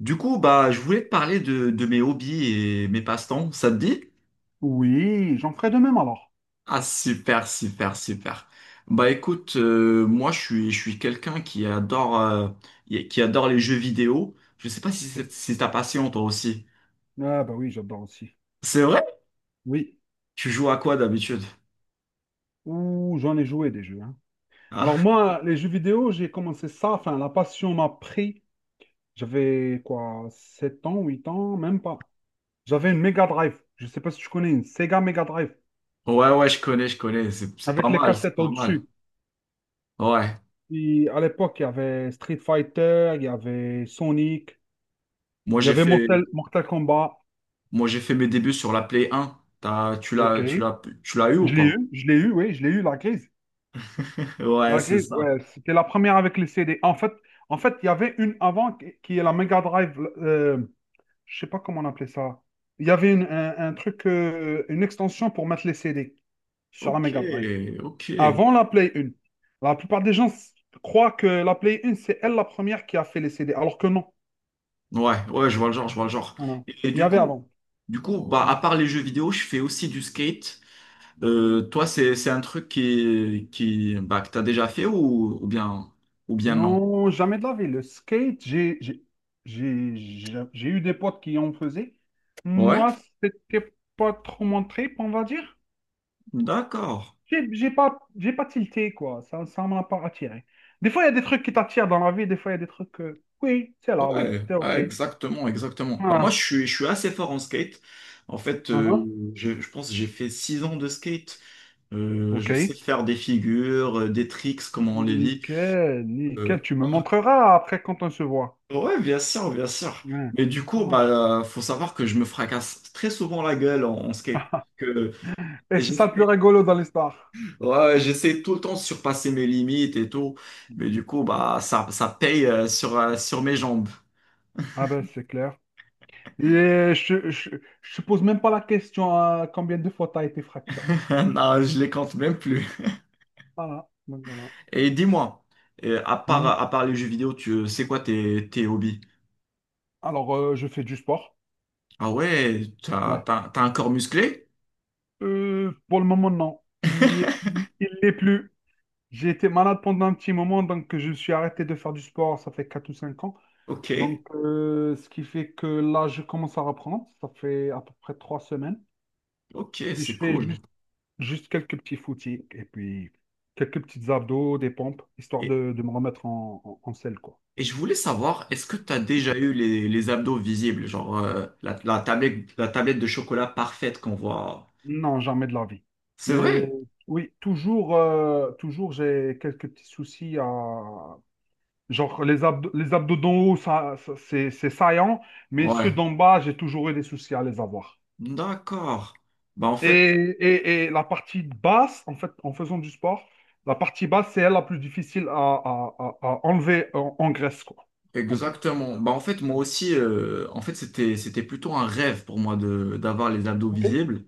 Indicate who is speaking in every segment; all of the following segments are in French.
Speaker 1: Du coup, bah, je voulais te parler de mes hobbies et mes passe-temps. Ça te dit?
Speaker 2: Oui, j'en ferai de même alors.
Speaker 1: Ah, super, super, super. Bah, écoute, moi, je suis quelqu'un qui adore les jeux vidéo. Je sais pas si
Speaker 2: Ok.
Speaker 1: c'est si ta passion, toi aussi.
Speaker 2: Ah bah oui, j'adore aussi.
Speaker 1: C'est vrai?
Speaker 2: Oui.
Speaker 1: Tu joues à quoi d'habitude?
Speaker 2: Ouh, j'en ai joué des jeux, hein. Alors
Speaker 1: Ah,
Speaker 2: moi, les jeux vidéo, j'ai commencé ça, enfin la passion m'a pris. J'avais quoi, 7 ans, 8 ans, même pas. J'avais une Mega Drive. Je sais pas si tu connais une Sega Mega Drive
Speaker 1: ouais, ouais, je connais. C'est pas
Speaker 2: avec les
Speaker 1: mal, c'est
Speaker 2: cassettes
Speaker 1: pas mal.
Speaker 2: au-dessus.
Speaker 1: Ouais.
Speaker 2: Et à l'époque, il y avait Street Fighter, il y avait Sonic,
Speaker 1: Moi,
Speaker 2: il y
Speaker 1: j'ai
Speaker 2: avait
Speaker 1: fait,
Speaker 2: Mortal, Mortal Kombat.
Speaker 1: moi, j'ai fait mes débuts sur la Play 1. T'as, tu
Speaker 2: Ok.
Speaker 1: l'as, tu l'as, tu l'as eu ou
Speaker 2: Je l'ai
Speaker 1: pas?
Speaker 2: eu, je l'ai eu, oui, je l'ai eu la clé.
Speaker 1: Ouais,
Speaker 2: La
Speaker 1: c'est
Speaker 2: grise,
Speaker 1: ça.
Speaker 2: ouais, c'était la première avec les CD. En fait, il y avait une avant qui est la Mega Drive. Je sais pas comment on appelait ça. Il y avait un truc, une extension pour mettre les CD sur la
Speaker 1: Ok,
Speaker 2: Mega Drive.
Speaker 1: ok.
Speaker 2: Avant la Play 1. La plupart des gens croient que la Play 1, c'est elle la première qui a fait les CD, alors que non.
Speaker 1: Ouais, ouais, je vois le genre.
Speaker 2: Voilà.
Speaker 1: Et, et
Speaker 2: Il y
Speaker 1: du
Speaker 2: avait
Speaker 1: coup,
Speaker 2: avant.
Speaker 1: du coup, bah, à
Speaker 2: Mhm.
Speaker 1: part les jeux vidéo, je fais aussi du skate. Toi, c'est un truc bah, que t'as déjà fait ou, ou bien non?
Speaker 2: Non, jamais de la vie. Le skate, j'ai eu des potes qui en faisaient.
Speaker 1: Ouais,
Speaker 2: Moi, c'était pas trop mon trip, on va dire.
Speaker 1: d'accord.
Speaker 2: J'ai pas tilté, quoi. Ça m'a pas attiré. Des fois, il y a des trucs qui t'attirent dans la vie, des fois, il y a des trucs que, oui, c'est là, oui,
Speaker 1: Ouais,
Speaker 2: c'est OK.
Speaker 1: ouais, exactement, exactement. Bah, moi, je
Speaker 2: Ah,
Speaker 1: suis, je suis assez fort en skate. En fait,
Speaker 2: ah,
Speaker 1: je pense que j'ai fait six ans de skate. Je sais
Speaker 2: OK.
Speaker 1: faire des figures, des tricks, comme on les dit.
Speaker 2: Nickel, nickel. Tu me montreras après quand on se voit.
Speaker 1: Ouais, bien sûr, bien sûr.
Speaker 2: Ouais,
Speaker 1: Mais du
Speaker 2: ça
Speaker 1: coup, bah,
Speaker 2: marche.
Speaker 1: faut savoir que je me fracasse très souvent la gueule en, en skate. Que
Speaker 2: Et c'est ça le plus
Speaker 1: j'essaie,
Speaker 2: rigolo dans l'histoire.
Speaker 1: ouais, j'essaie tout le temps de surpasser mes limites et tout. Mais
Speaker 2: Mhm.
Speaker 1: du coup, bah, ça paye sur, sur mes jambes.
Speaker 2: Ah ben, c'est clair. Et je te pose même pas la question à combien de fois t'as été fracturé.
Speaker 1: Non, je les compte même plus.
Speaker 2: Voilà, donc voilà.
Speaker 1: Et dis-moi,
Speaker 2: Mhm.
Speaker 1: à part les jeux vidéo, tu, c'est quoi tes, tes hobbies?
Speaker 2: Alors, je fais du sport.
Speaker 1: Ah ouais, t'as un corps musclé?
Speaker 2: Pour le moment, non. Il y est, il l'est plus. J'ai été malade pendant un petit moment, donc je me suis arrêté de faire du sport, ça fait 4 ou 5 ans.
Speaker 1: Ok,
Speaker 2: Donc, ce qui fait que là, je commence à reprendre. Ça fait à peu près 3 semaines.
Speaker 1: ok,
Speaker 2: Puis je
Speaker 1: c'est
Speaker 2: fais
Speaker 1: cool.
Speaker 2: juste, juste quelques petits footings et puis quelques petites abdos, des pompes, histoire de me remettre en selle, quoi.
Speaker 1: Et je voulais savoir, est-ce que tu as déjà eu les abdos visibles, genre la, la tablette de chocolat parfaite qu'on voit?
Speaker 2: Non, jamais de la vie.
Speaker 1: C'est
Speaker 2: Et,
Speaker 1: vrai?
Speaker 2: oui, toujours, toujours j'ai quelques petits soucis à, genre, les abdos d'en haut, c'est saillant, mais ceux
Speaker 1: Ouais.
Speaker 2: d'en bas, j'ai toujours eu des soucis à les avoir.
Speaker 1: D'accord. Bah en
Speaker 2: Et,
Speaker 1: fait,
Speaker 2: et la partie basse, en fait, en faisant du sport, la partie basse, c'est elle la plus difficile à enlever en graisse, quoi. On peut-
Speaker 1: exactement. Bah en fait, moi
Speaker 2: Hmm.
Speaker 1: aussi, en fait, c'était plutôt un rêve pour moi de, d'avoir les abdos
Speaker 2: Ok.
Speaker 1: visibles.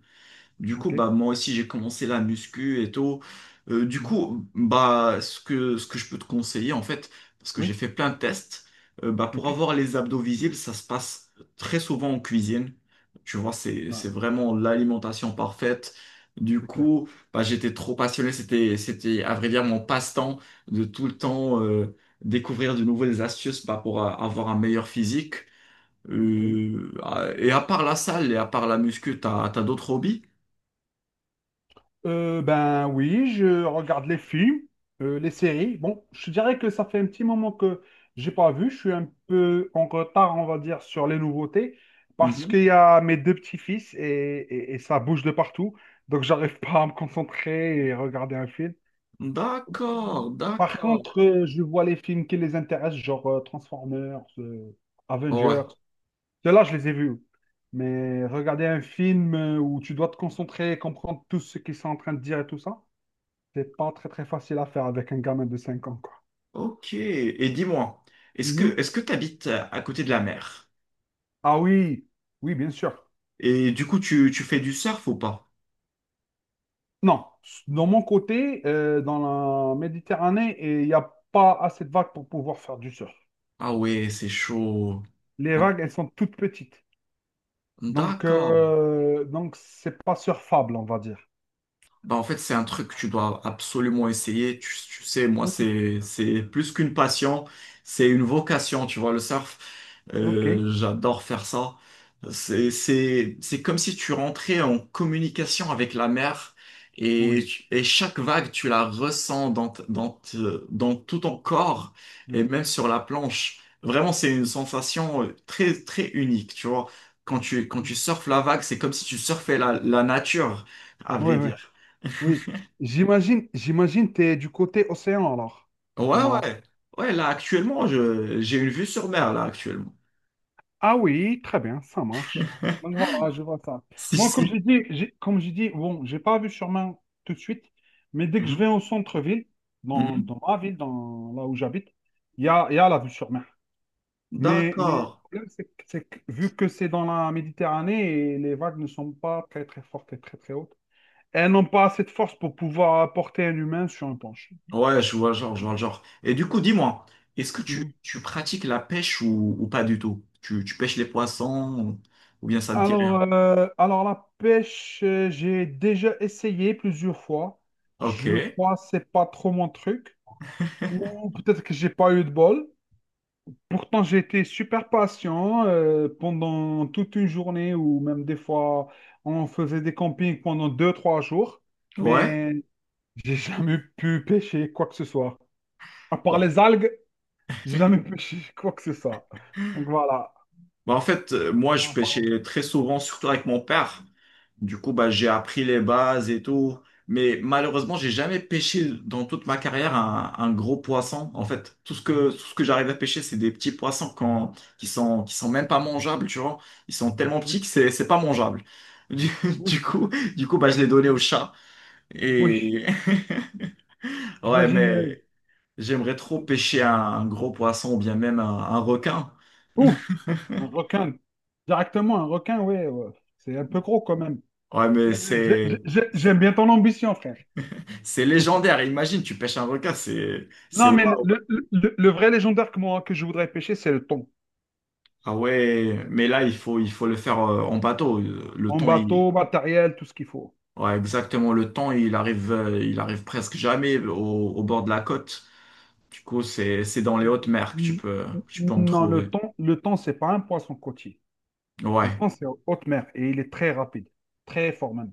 Speaker 1: Du coup,
Speaker 2: OK?
Speaker 1: bah, moi aussi, j'ai commencé la muscu et tout. Du
Speaker 2: Mhm.
Speaker 1: coup, bah, ce que je peux te conseiller, en fait, parce que j'ai
Speaker 2: Oui?
Speaker 1: fait plein de tests, bah, pour
Speaker 2: OK?
Speaker 1: avoir les abdos visibles, ça se passe très souvent en cuisine. Tu vois, c'est,
Speaker 2: Voilà.
Speaker 1: c'est vraiment l'alimentation parfaite. Du
Speaker 2: C'est clair.
Speaker 1: coup, bah, j'étais trop passionné. À vrai dire, mon passe-temps de tout le
Speaker 2: OK.
Speaker 1: temps, découvrir de nouvelles astuces, bah, pour avoir un meilleur physique.
Speaker 2: OK.
Speaker 1: Et à part la salle et à part la muscu, t'as d'autres hobbies?
Speaker 2: Ben oui, je regarde les films, les séries. Bon, je dirais que ça fait un petit moment que j'ai pas vu. Je suis un peu en retard, on va dire, sur les nouveautés, parce
Speaker 1: Mhm.
Speaker 2: qu'il y a mes deux petits-fils et ça bouge de partout. Donc j'arrive pas à me concentrer et regarder un film.
Speaker 1: D'accord,
Speaker 2: Par
Speaker 1: d'accord.
Speaker 2: contre, je vois les films qui les intéressent, genre Transformers,
Speaker 1: Ouais,
Speaker 2: Avengers. Ceux-là, je les ai vus. Mais regarder un film où tu dois te concentrer et comprendre tout ce qu'ils sont en train de dire et tout ça. C'est pas très très facile à faire avec un gamin de cinq ans, quoi.
Speaker 1: ok. Et dis-moi,
Speaker 2: Mhm.
Speaker 1: est-ce que tu habites à côté de la mer?
Speaker 2: Ah oui, oui, bien sûr.
Speaker 1: Et du coup, tu fais du surf ou pas?
Speaker 2: Non, de mon côté, dans la Méditerranée, et il n'y a pas assez de vagues pour pouvoir faire du surf.
Speaker 1: Ah ouais, c'est chaud.
Speaker 2: Les
Speaker 1: Oh,
Speaker 2: vagues, elles sont toutes petites.
Speaker 1: d'accord.
Speaker 2: Donc c'est pas surfable, on va dire.
Speaker 1: Bah, en fait, c'est un truc que tu dois absolument essayer. Tu sais, moi,
Speaker 2: Ok.
Speaker 1: c'est plus qu'une passion, c'est une vocation, tu vois, le surf.
Speaker 2: Ok,
Speaker 1: J'adore faire ça. C'est comme si tu rentrais en communication avec la mer et,
Speaker 2: oui.
Speaker 1: et chaque vague, tu la ressens dans tout ton corps
Speaker 2: Ouais.
Speaker 1: et même sur la planche. Vraiment, c'est une sensation très, très unique, tu vois. Quand tu surfes la vague, c'est comme si tu surfais la, la nature, à
Speaker 2: Oui,
Speaker 1: vrai
Speaker 2: oui,
Speaker 1: dire.
Speaker 2: oui. J'imagine, j'imagine t'es du côté océan alors, au
Speaker 1: Ouais,
Speaker 2: Maroc.
Speaker 1: ouais. Ouais, là, actuellement, j'ai une vue sur mer, là, actuellement.
Speaker 2: Ah oui, très bien, ça marche. Donc voilà, je vois ça.
Speaker 1: Si,
Speaker 2: Moi, Ok, comme
Speaker 1: si.
Speaker 2: j'ai dit, comme j'ai dit, bon, j'ai pas vu sûrement tout de suite, mais dès que je vais
Speaker 1: Mhm,
Speaker 2: au centre-ville,
Speaker 1: mhm.
Speaker 2: dans ma ville, dans là où j'habite, il y a la vue sur mer. Mais le
Speaker 1: D'accord.
Speaker 2: problème, c'est que vu que c'est dans la Méditerranée et les vagues ne sont pas très très fortes et très très hautes, elles n'ont pas assez de force pour pouvoir porter un humain sur un planche.
Speaker 1: Je vois le genre. Et du coup, dis-moi, est-ce que tu pratiques la pêche ou pas du tout? Tu pêches les poissons ou bien ça ne dit rien?
Speaker 2: Alors la pêche, j'ai déjà essayé plusieurs fois.
Speaker 1: Ok.
Speaker 2: Je crois que c'est pas trop mon truc. Ou peut-être que j'ai pas eu de bol. Pourtant, j'ai été super patient pendant toute une journée ou même des fois, on faisait des campings pendant deux, trois jours.
Speaker 1: Ouais.
Speaker 2: Mais j'ai jamais pu pêcher quoi que ce soit. À part
Speaker 1: Bon.
Speaker 2: les algues, j'ai jamais pêché quoi que ce soit. Donc voilà.
Speaker 1: Bah, en fait, moi, je
Speaker 2: En parlant de-
Speaker 1: pêchais très souvent, surtout avec mon père. Du coup, bah, j'ai appris les bases et tout. Mais malheureusement, j'ai jamais pêché dans toute ma carrière un gros poisson. En fait, tout ce que j'arrive à pêcher, c'est des petits poissons quand, qui sont même pas mangeables, tu vois. Ils sont tellement
Speaker 2: Oui,
Speaker 1: petits que c'est pas mangeable. Du,
Speaker 2: oui,
Speaker 1: du coup, du coup, bah, je l'ai donné au chat.
Speaker 2: oui.
Speaker 1: Et ouais,
Speaker 2: J'imagine.
Speaker 1: mais j'aimerais trop pêcher un gros poisson ou bien même un requin.
Speaker 2: Ouh! Un requin. Directement, un requin, oui, ouais. C'est un peu gros quand même.
Speaker 1: Ouais, mais
Speaker 2: Ouais,
Speaker 1: c'est,
Speaker 2: j'aime bien ton ambition, frère.
Speaker 1: c'est légendaire. Imagine, tu pêches un requin, c'est
Speaker 2: Non, mais
Speaker 1: waouh.
Speaker 2: le vrai légendaire que, moi, que je voudrais pêcher, c'est le thon.
Speaker 1: Ah ouais, mais là, il faut le faire en bateau. Le
Speaker 2: En
Speaker 1: temps, il…
Speaker 2: bateau, matériel, tout ce qu'il faut.
Speaker 1: ouais, exactement, le temps, il arrive presque jamais au, au bord de la côte. Du coup, c'est dans les hautes mers que
Speaker 2: N-
Speaker 1: tu peux en
Speaker 2: Non,
Speaker 1: trouver.
Speaker 2: le thon, c'est pas un poisson côtier. Le
Speaker 1: Ouais,
Speaker 2: thon, c'est en haute mer et il est très rapide, très fort même.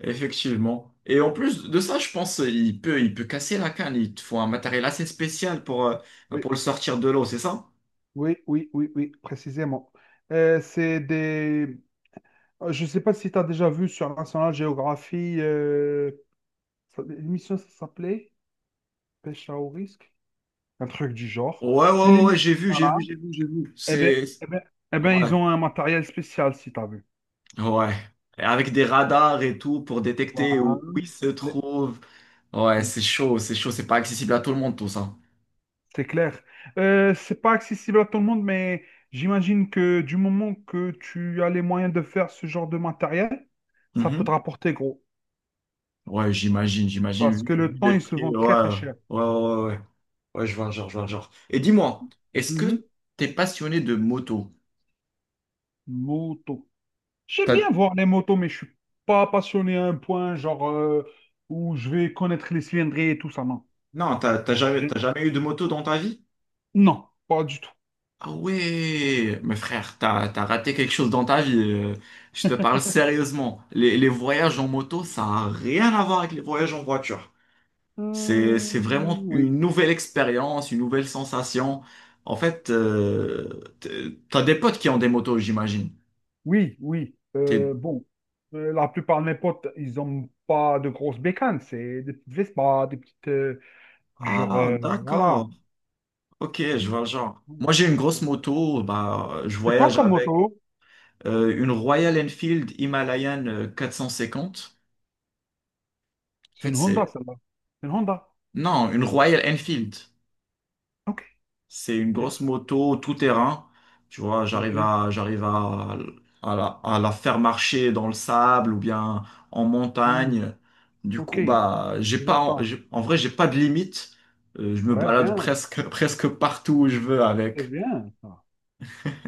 Speaker 1: effectivement. Et en plus de ça, je pense, il peut casser la canne. Il te faut un matériel assez spécial
Speaker 2: Oui,
Speaker 1: pour le sortir de l'eau, c'est ça?
Speaker 2: oui, précisément. C'est des. Je ne sais pas si tu as déjà vu sur National Geography, l'émission, ça s'appelait. Pêche à haut risque? Un truc du genre.
Speaker 1: Ouais, ouais,
Speaker 2: C'est
Speaker 1: ouais, ouais,
Speaker 2: limite. Voilà.
Speaker 1: j'ai vu.
Speaker 2: Eh ben,
Speaker 1: C'est.
Speaker 2: eh ben, eh ben,
Speaker 1: Ouais,
Speaker 2: ils ont un matériel spécial, si t'as vu.
Speaker 1: ouais. Et avec des radars et tout pour détecter
Speaker 2: Voilà.
Speaker 1: où, où ils se
Speaker 2: Le-
Speaker 1: trouvent. Ouais, c'est chaud, c'est chaud, c'est pas accessible à tout le monde, tout ça.
Speaker 2: C'est clair. C'est pas accessible à tout le monde, mais j'imagine que du moment que tu as les moyens de faire ce genre de matériel, ça peut te
Speaker 1: Mhm.
Speaker 2: rapporter gros.
Speaker 1: Ouais, j'imagine, j'imagine,
Speaker 2: Parce
Speaker 1: vu,
Speaker 2: que le
Speaker 1: vu
Speaker 2: temps,
Speaker 1: les
Speaker 2: il se
Speaker 1: prix.
Speaker 2: vend
Speaker 1: Ouais,
Speaker 2: très très
Speaker 1: ouais,
Speaker 2: cher.
Speaker 1: ouais, ouais. Ouais, ouais, je vois le genre. Et dis-moi, est-ce
Speaker 2: Mhm.
Speaker 1: que t'es passionné de moto?
Speaker 2: Moto. J'aime bien
Speaker 1: T'as-
Speaker 2: voir les motos, mais je suis pas passionné à un point genre où je vais connaître les cylindrées et tout ça, non.
Speaker 1: Non, t'as jamais eu de moto dans ta vie?
Speaker 2: Non, pas du tout.
Speaker 1: Ah ouais, mais frère, t'as raté quelque chose dans ta vie. Je te parle sérieusement. Les voyages en moto, ça n'a rien à voir avec les voyages en voiture.
Speaker 2: Euh,
Speaker 1: C'est vraiment
Speaker 2: oui,
Speaker 1: une nouvelle expérience, une nouvelle sensation. En fait, t'as des potes qui ont des motos, j'imagine.
Speaker 2: oui.
Speaker 1: T'es-
Speaker 2: Bon, la plupart de mes potes, ils n'ont pas de grosses bécanes. C'est des petites Vespa, des petites. Genre,
Speaker 1: Ah,
Speaker 2: voilà.
Speaker 1: d'accord. Ok,
Speaker 2: C'est
Speaker 1: je vois le genre.
Speaker 2: Hmm.
Speaker 1: Moi, j'ai une grosse
Speaker 2: Hmm.
Speaker 1: moto. Bah, je
Speaker 2: C'est quoi
Speaker 1: voyage
Speaker 2: comme
Speaker 1: avec
Speaker 2: moto?
Speaker 1: une Royal Enfield Himalayan 450. En
Speaker 2: C'est une
Speaker 1: fait,
Speaker 2: Honda,
Speaker 1: c'est…
Speaker 2: celle-là. C'est une Honda.
Speaker 1: Non, une Royal Enfield.
Speaker 2: Ok,
Speaker 1: C'est une
Speaker 2: ok,
Speaker 1: grosse moto tout terrain. Tu vois,
Speaker 2: ok.
Speaker 1: à la faire marcher dans le sable ou bien en
Speaker 2: Hmm,
Speaker 1: montagne. Du
Speaker 2: ok,
Speaker 1: coup, bah, j'ai
Speaker 2: je
Speaker 1: pas,
Speaker 2: vois
Speaker 1: en,
Speaker 2: ça.
Speaker 1: j'ai- en vrai, j'ai pas de limite. Je me
Speaker 2: Ouais,
Speaker 1: balade
Speaker 2: bien.
Speaker 1: presque, presque partout où je veux
Speaker 2: C'est
Speaker 1: avec.
Speaker 2: bien, ça.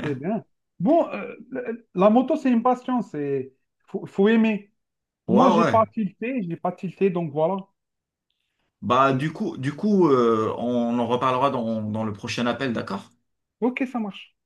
Speaker 2: C'est bien. Bon, la moto, c'est une passion. C'est. Faut, faut aimer.
Speaker 1: Ouais,
Speaker 2: Moi,
Speaker 1: ouais.
Speaker 2: j'ai pas tilté, donc voilà.
Speaker 1: Bah, du coup, on en reparlera dans, dans le prochain appel, d'accord?
Speaker 2: Ok, ça marche.